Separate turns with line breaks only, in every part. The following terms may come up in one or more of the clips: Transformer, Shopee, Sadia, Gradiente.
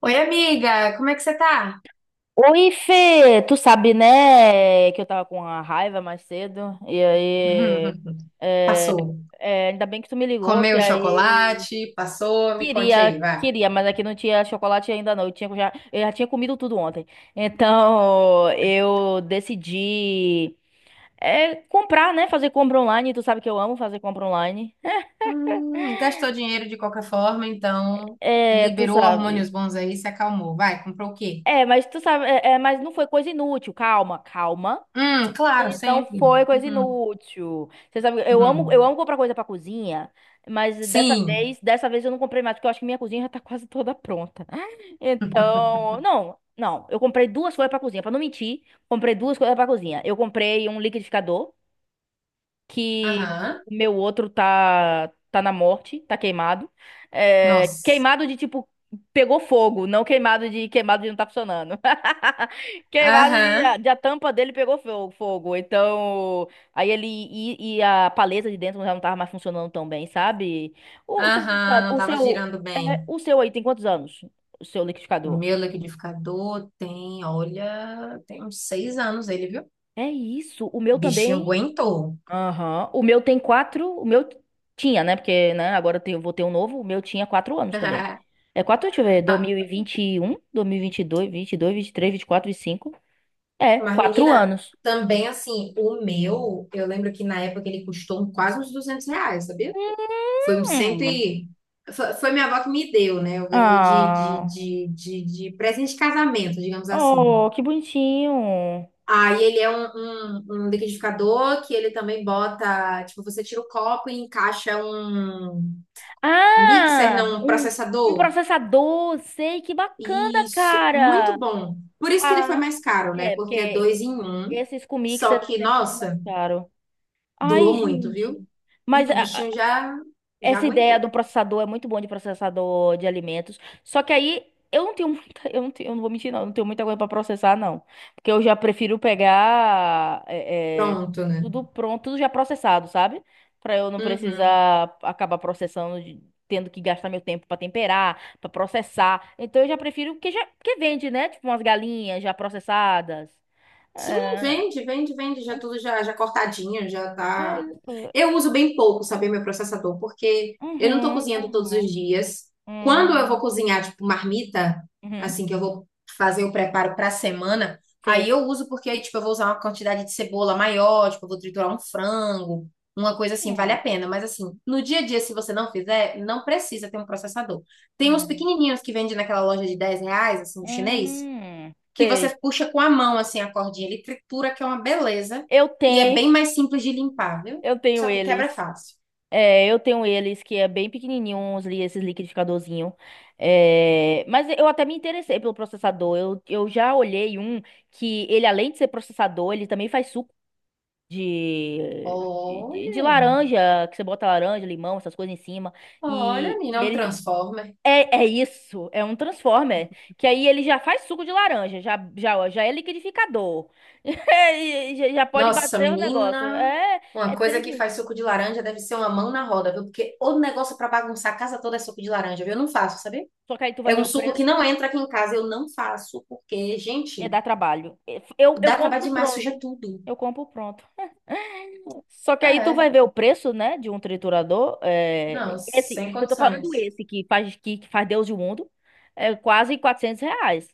Oi, amiga, como é que você tá?
Oi, Fê, tu sabe, né, que eu tava com uma raiva mais cedo, e aí, é,
Passou.
ainda bem que tu me ligou, que
Comeu
aí,
chocolate, passou, me conte aí,
queria,
vai.
queria, mas aqui não tinha chocolate ainda não, eu já tinha comido tudo ontem, então, eu decidi, comprar, né, fazer compra online, tu sabe que eu amo fazer compra online.
Gastou dinheiro de qualquer forma, então
É, tu
liberou hormônios
sabe...
bons aí, se acalmou. Vai, comprou o quê?
É, mas tu sabe, mas não foi coisa inútil. Calma, calma.
Claro,
E não
sempre.
foi coisa
Uhum,
inútil. Você sabe, eu
uhum.
amo comprar coisa pra cozinha, mas
Sim.
dessa vez eu não comprei mais, porque eu acho que minha cozinha já tá quase toda pronta. Então, não, não, eu comprei duas coisas pra cozinha, pra não mentir, comprei duas coisas pra cozinha. Eu comprei um liquidificador que
Aham.
o meu outro tá na morte, tá queimado. É,
Nossa.
queimado de tipo pegou fogo, não queimado de queimado de não tá funcionando. Queimado
Aham.
de a tampa dele pegou fogo. Então, aí ele e a paleta de dentro já não tava mais funcionando tão bem, sabe? O,
Aham, não
o
tava
seu,
girando
é,
bem.
o seu aí tem quantos anos? O seu liquidificador?
Meu liquidificador tem, olha, tem uns 6 anos ele, viu?
É isso. O meu
Bichinho
também.
aguentou.
Aham. O meu tem quatro. O meu tinha, né? Porque, né, agora vou ter um novo. O meu tinha 4 anos também. É quatro, deixa eu ver. 2021, 2022, 22, 23, 24, cinco. É,
Mas,
quatro
menina,
anos.
também assim, o meu, eu lembro que na época ele custou um, quase uns R$ 200, sabia? Foi um cento
Hum.
e... Foi minha avó que me deu, né? Eu ganhei de, de,
Ah,
de, de, de presente de casamento, digamos assim.
oh, que bonitinho.
Aí ele é um, um liquidificador que ele também bota... Tipo, você tira o copo e encaixa um mixer,
Ah,
não, um
um
processador.
processador, sei, que bacana,
Isso,
cara.
muito bom. Por isso que ele foi
Ah,
mais caro, né?
é,
Porque é
porque
dois em um.
esses comics
Só
sempre
que,
bem mais
nossa,
caro. Ai,
durou muito,
gente.
viu? E
Mas,
o
a-
bichinho já, já
Essa ideia do
aguentou.
processador é muito bom de processador de alimentos. Só que aí eu não tenho muita, eu não tenho, eu não vou mentir, não, eu não tenho muita coisa para processar, não. Porque eu já prefiro pegar
Pronto, né?
tudo pronto, tudo já processado, sabe? Para eu não
Uhum.
precisar acabar processando, tendo que gastar meu tempo para temperar, para processar. Então eu já prefiro que já que vende, né? Tipo umas galinhas já processadas.
Sim,
É,
vende, vende, vende,
é
já tudo já, já cortadinho, já
é
tá.
isso.
Eu uso bem pouco, sabe, meu processador, porque eu não tô
Uhum,
cozinhando todos os
uhum,
dias. Quando eu vou
hum,
cozinhar, tipo, marmita,
uhum,
assim, que eu vou fazer o preparo pra semana, aí
sim.
eu uso porque aí, tipo, eu vou usar uma quantidade de cebola maior, tipo, eu vou triturar um frango, uma coisa assim, vale
Hum.
a pena. Mas, assim, no dia a dia, se você não fizer, não precisa ter um processador. Tem uns
Uhum.
pequenininhos que vendem naquela loja de R$ 10, assim, chinês,
Hum,
que
sei.
você puxa com a mão assim a cordinha, ele tritura que é uma beleza
Eu
e é
tenho,
bem mais simples de limpar, viu?
eu tenho
Só que quebra
eles.
fácil.
É, eu tenho eles que é bem pequenininho, uns, esses liquidificadorzinho. É, mas eu até me interessei pelo processador. Eu já olhei um que ele, além de ser processador, ele também faz suco de, de
Olha,
laranja, que você bota laranja, limão, essas coisas em cima.
olha,
E,
menina, é
e
um
ele,
transformer.
É, é isso, é um Transformer. Que aí ele já faz suco de laranja, já, já, já é liquidificador. E já, já pode
Nossa,
bater o negócio.
menina,
É, é
uma coisa
3
que
em 1.
faz suco de laranja deve ser uma mão na roda, viu? Porque o negócio pra bagunçar a casa toda é suco de laranja, viu? Eu não faço, sabe?
Só que aí tu vai
É
ver
um
o
suco que
preço,
não entra aqui em casa, eu não faço, porque,
é
gente,
dar trabalho. Eu
dá trabalho
compro
demais, suja
pronto.
tudo.
Eu compro pronto. Só que aí
Ah,
tu vai
é?
ver o preço, né, de um triturador. É,
Não, sem
eu tô falando
condições.
esse que faz, que faz Deus do mundo, é quase 400 reais.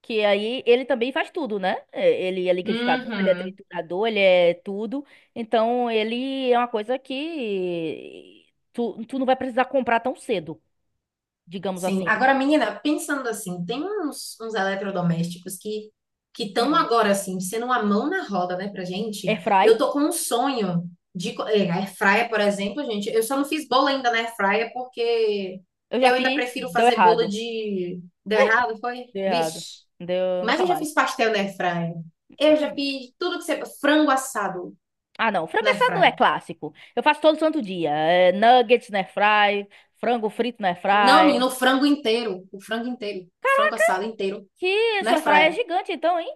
Que aí ele também faz tudo, né? É, ele é liquidificador, ele é
Uhum.
triturador, ele é tudo. Então ele é uma coisa que tu não vai precisar comprar tão cedo, digamos
Sim.
assim.
Agora, menina, pensando assim, tem uns eletrodomésticos que estão
Hum.
agora assim, sendo uma mão na roda, né, pra gente.
Airfry,
Eu tô com um sonho de air fryer, por exemplo, gente. Eu só não fiz bolo ainda na air fryer porque
eu já
eu ainda
fiz,
prefiro
deu
fazer bolo
errado.
de deu errado, foi?
Deu errado.
Vixe.
Deu
Mas
nunca
eu já
mais.
fiz pastel na air fryer. Eu já
Hum,
fiz tudo que você frango assado
Ah, não. Frango
na air
assado
fryer.
é clássico. Eu faço todo santo dia. É, nuggets na airfry, frango frito na
Não,
airfry.
menino, o frango inteiro, o frango inteiro, o frango assado inteiro
Que
na
sua
air
airfry é
fryer.
gigante, então, hein?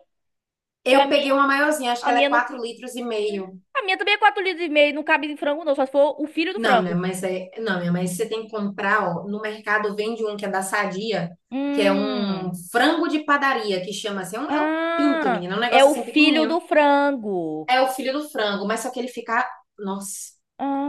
Que
Eu peguei uma maiorzinha, acho que
a
ela é
minha não,
4,5 litros.
a minha também é 4,5 litros, não cabe em frango não, só se for o filho do
Não, minha,
frango.
mas é, não, minha, mas você tem que comprar, ó, no mercado vende um que é da Sadia, que é
Hum.
um frango de padaria, que chama assim, é um pinto,
Ah,
menina, é um
é
negócio
o
assim
filho
pequenininho.
do frango.
É o filho do frango, mas só que ele fica, nossa,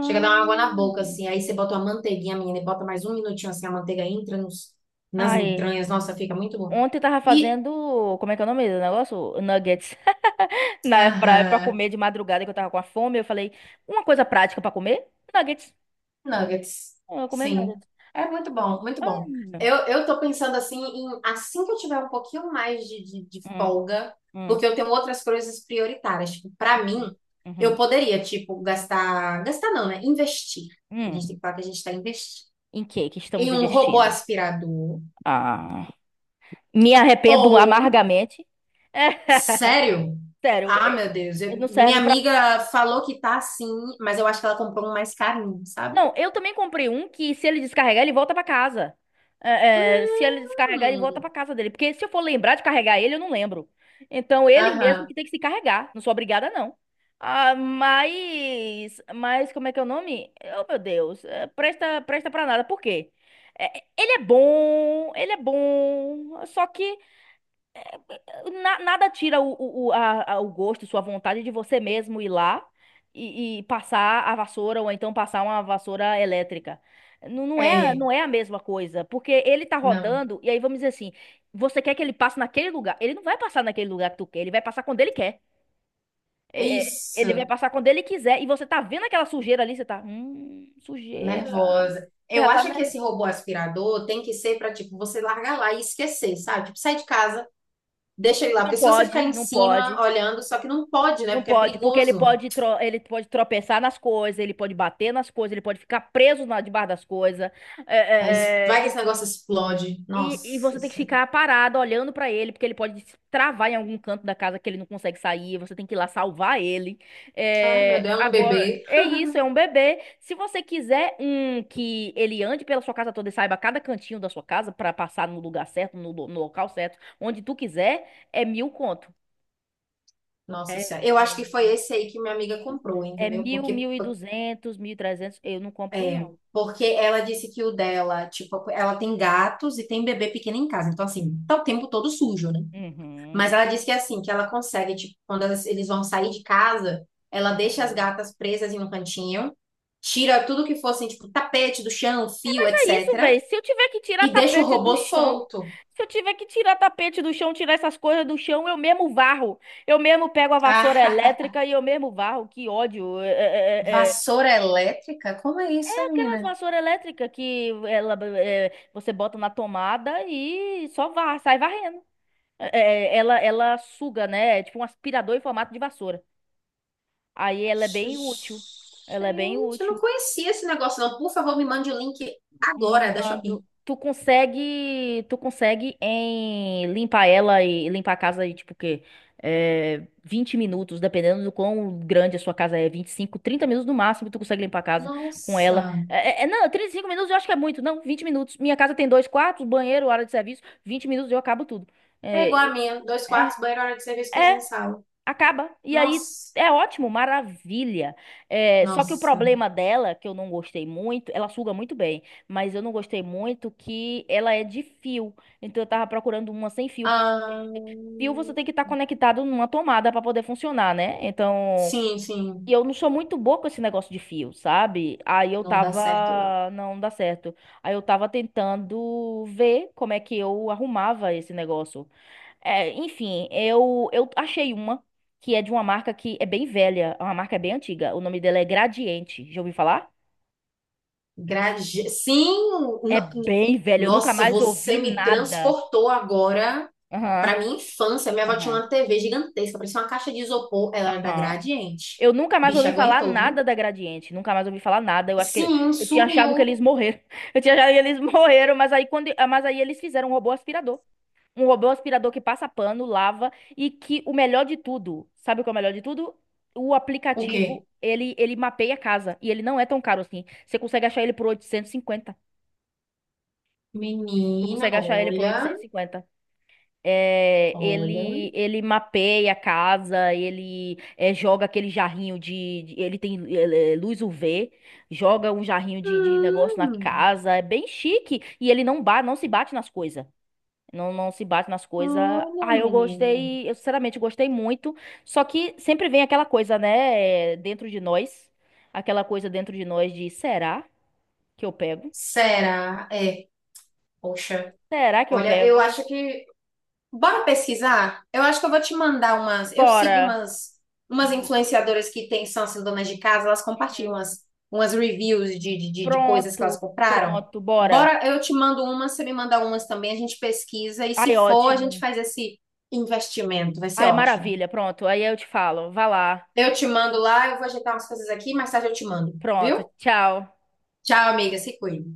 chega a dar uma água na boca assim, aí você bota uma manteiguinha, menina, e bota mais um minutinho assim, a manteiga entra nos, nas
Ai,
entranhas, nossa, fica muito bom.
ontem eu tava
E
fazendo, como é que é o nome do negócio? Nuggets na airfryer pra
Aham.
comer de madrugada que eu tava com a fome, eu falei, uma coisa prática pra comer? Nuggets.
Nuggets,
Eu não comer nada.
sim. É muito bom, muito
Ah,
bom. Eu tô pensando assim em assim que eu tiver um pouquinho mais de
hum,
folga, porque eu tenho outras coisas prioritárias. Tipo, pra mim,
uhum,
eu
uhum,
poderia, tipo, gastar. Gastar não, né? Investir. A gente
hum.
tem que falar que a gente tá investindo.
Em que
Em
estamos
um robô
investindo?
aspirador.
Ah, me arrependo
Ou,
amargamente.
sério?
Sério,
Ah, meu Deus. Eu-
não
minha
serve pra.
amiga falou que tá assim, mas eu acho que ela comprou um mais carinho, sabe?
Não, eu também comprei um que se ele descarregar, ele volta pra casa. É, é, se ele descarregar, ele volta
Hum,
pra casa dele. Porque se eu for lembrar de carregar ele, eu não lembro. Então, ele mesmo
aham.
que tem que se carregar. Não sou obrigada, não. Mas como é que é o nome? Oh, meu Deus. É, presta, presta pra nada. Por quê? É, ele é bom, ele é bom. Só que nada tira o gosto, sua vontade de você mesmo ir lá e passar a vassoura ou então passar uma vassoura elétrica. Não, não é, a-
É.
não é a mesma coisa, porque ele tá
Não.
rodando e aí vamos dizer assim, você quer que ele passe naquele lugar? Ele não vai passar naquele lugar que tu quer, ele vai passar quando ele quer. É, é, ele vai
Isso,
passar quando ele quiser e você tá vendo aquela sujeira ali, você tá, sujeira.
nervosa.
Você já
Eu
tá, né?
acho que esse robô aspirador tem que ser para tipo você largar lá e esquecer, sabe? Tipo, sai de casa, deixa ele lá,
Não
porque se você ficar
pode,
em
não pode.
cima olhando, só que não pode, né?
Não
Porque é
pode, porque ele
perigoso.
pode, ele pode tropeçar nas coisas, ele pode bater nas coisas, ele pode ficar preso na, debaixo das coisas. É,
Vai
é,
que
é,
esse negócio explode.
e
Nossa
você tem que
Senhora.
ficar parado olhando pra ele, porque ele pode se travar em algum canto da casa que ele não consegue sair. Você tem que ir lá salvar ele.
Ah, meu
É,
Deus, é um
agora,
bebê.
é isso, é um bebê. Se você quiser um que ele ande pela sua casa toda e saiba cada cantinho da sua casa pra passar no lugar certo, no local certo, onde tu quiser, é mil conto. É,
Nossa Senhora. Eu acho que
é
foi esse aí que minha amiga comprou,
é
entendeu?
mil,
Porque
1.200, 1.300. Eu não compro,
é,
não.
porque ela disse que o dela, tipo, ela tem gatos e tem bebê pequeno em casa. Então assim, tá o tempo todo sujo, né? Mas
Uhum,
ela disse que é assim, que ela consegue, tipo, quando eles vão sair de casa, ela deixa as
uhum.
gatas presas em um cantinho, tira tudo que fosse, tipo, tapete do chão, fio,
Mas é isso,
etc.
velho. Se eu tiver que tirar
E deixa o
tapete do
robô
chão,
solto.
se eu tiver que tirar tapete do chão, tirar essas coisas do chão, eu mesmo varro. Eu mesmo pego a vassoura
Ah,
elétrica e eu mesmo varro. Que ódio. É, é, é, é.
Vassoura elétrica? Como é isso,
É aquelas
menina?
vassouras elétricas que ela, é, você bota na tomada e só varre, sai varrendo. É, é, ela suga, né? É tipo um aspirador em formato de vassoura. Aí ela é bem útil. Ela é bem
Gente, eu não
útil.
conhecia esse negócio, não. Por favor, me mande o link agora da
Mando.
Shopee.
Tu consegue em limpar ela e limpar a casa e tipo o quê? É, 20 minutos, dependendo do quão grande a sua casa é, 25 30 minutos no máximo, tu consegue limpar a casa com
Nossa.
ela. Não, 35 minutos eu acho que é muito, não, 20 minutos. Minha casa tem dois quartos, banheiro, área de serviço, 20 minutos eu acabo tudo.
É igual a
É,
minha. Dois
é,
quartos, banheiro, hora de serviço, cozinha e
é
sala.
acaba. E aí
Nossa.
é ótimo, maravilha. É, só que o
Nossa.
problema dela, que eu não gostei muito, ela suga muito bem, mas eu não gostei muito que ela é de fio. Então eu tava procurando uma sem fio. Por
Ah.
fio você tem que estar conectado numa tomada para poder funcionar, né? Então,
Sim, sim,
e eu não sou muito boa com esse negócio de fio, sabe? Aí eu
não dá certo, não.
tava, não dá certo. Aí eu tava tentando ver como é que eu arrumava esse negócio. É, enfim, eu achei uma que é de uma marca que é bem velha, é uma marca bem antiga. O nome dela é Gradiente. Já ouviu falar?
Sim,
É
no-
bem velha, eu nunca
nossa,
mais
você
ouvi
me
nada.
transportou agora
Aham,
para minha infância. Minha avó tinha
aham,
uma TV gigantesca, parecia uma caixa de isopor. Ela era da
aham.
Gradiente.
Eu nunca mais
Bicha
ouvi falar
aguentou, viu?
nada da Gradiente, nunca mais ouvi falar nada. Eu acho que
Sim,
eu tinha achado que eles
sumiu.
morreram. Eu tinha achado que eles morreram, mas aí quando, mas aí eles fizeram um robô aspirador. Um robô aspirador que passa pano, lava e que o melhor de tudo, sabe o que é o melhor de tudo? O
O quê?
aplicativo, ele mapeia a casa e ele não é tão caro assim. Você consegue achar ele por 850. Tu
Menina,
consegue achar ele por
olha,
850. É,
olha.
ele mapeia a casa, joga aquele jarrinho ele tem ele é, luz UV, joga um jarrinho de negócio na
Hum,
casa, é bem chique e ele não se bate nas coisas. Não, não se bate nas coisas.
olha,
Ah, eu
menina.
gostei, eu sinceramente gostei muito. Só que sempre vem aquela coisa, né, é, dentro de nós. Aquela coisa dentro de nós de será que eu pego?
Será? É, poxa.
Será que eu
Olha, eu
pego?
acho que Bora pesquisar? Eu acho que eu vou te mandar umas. Eu sigo
Bora.
umas
Bo-
influenciadoras que têm, são assim, donas de casa, elas compartilham
Uhum.
umas, umas reviews de coisas que elas
Pronto,
compraram.
pronto, bora.
Bora, eu te mando umas, você me manda umas também, a gente pesquisa e se
Ai,
for, a gente
ótimo.
faz esse investimento, vai ser
Ai,
ótimo.
maravilha, pronto. Aí eu te falo, vá lá.
Eu te mando lá, eu vou ajeitar umas coisas aqui, mais tarde eu te mando,
Pronto,
viu?
tchau.
Tchau, amiga, se cuida.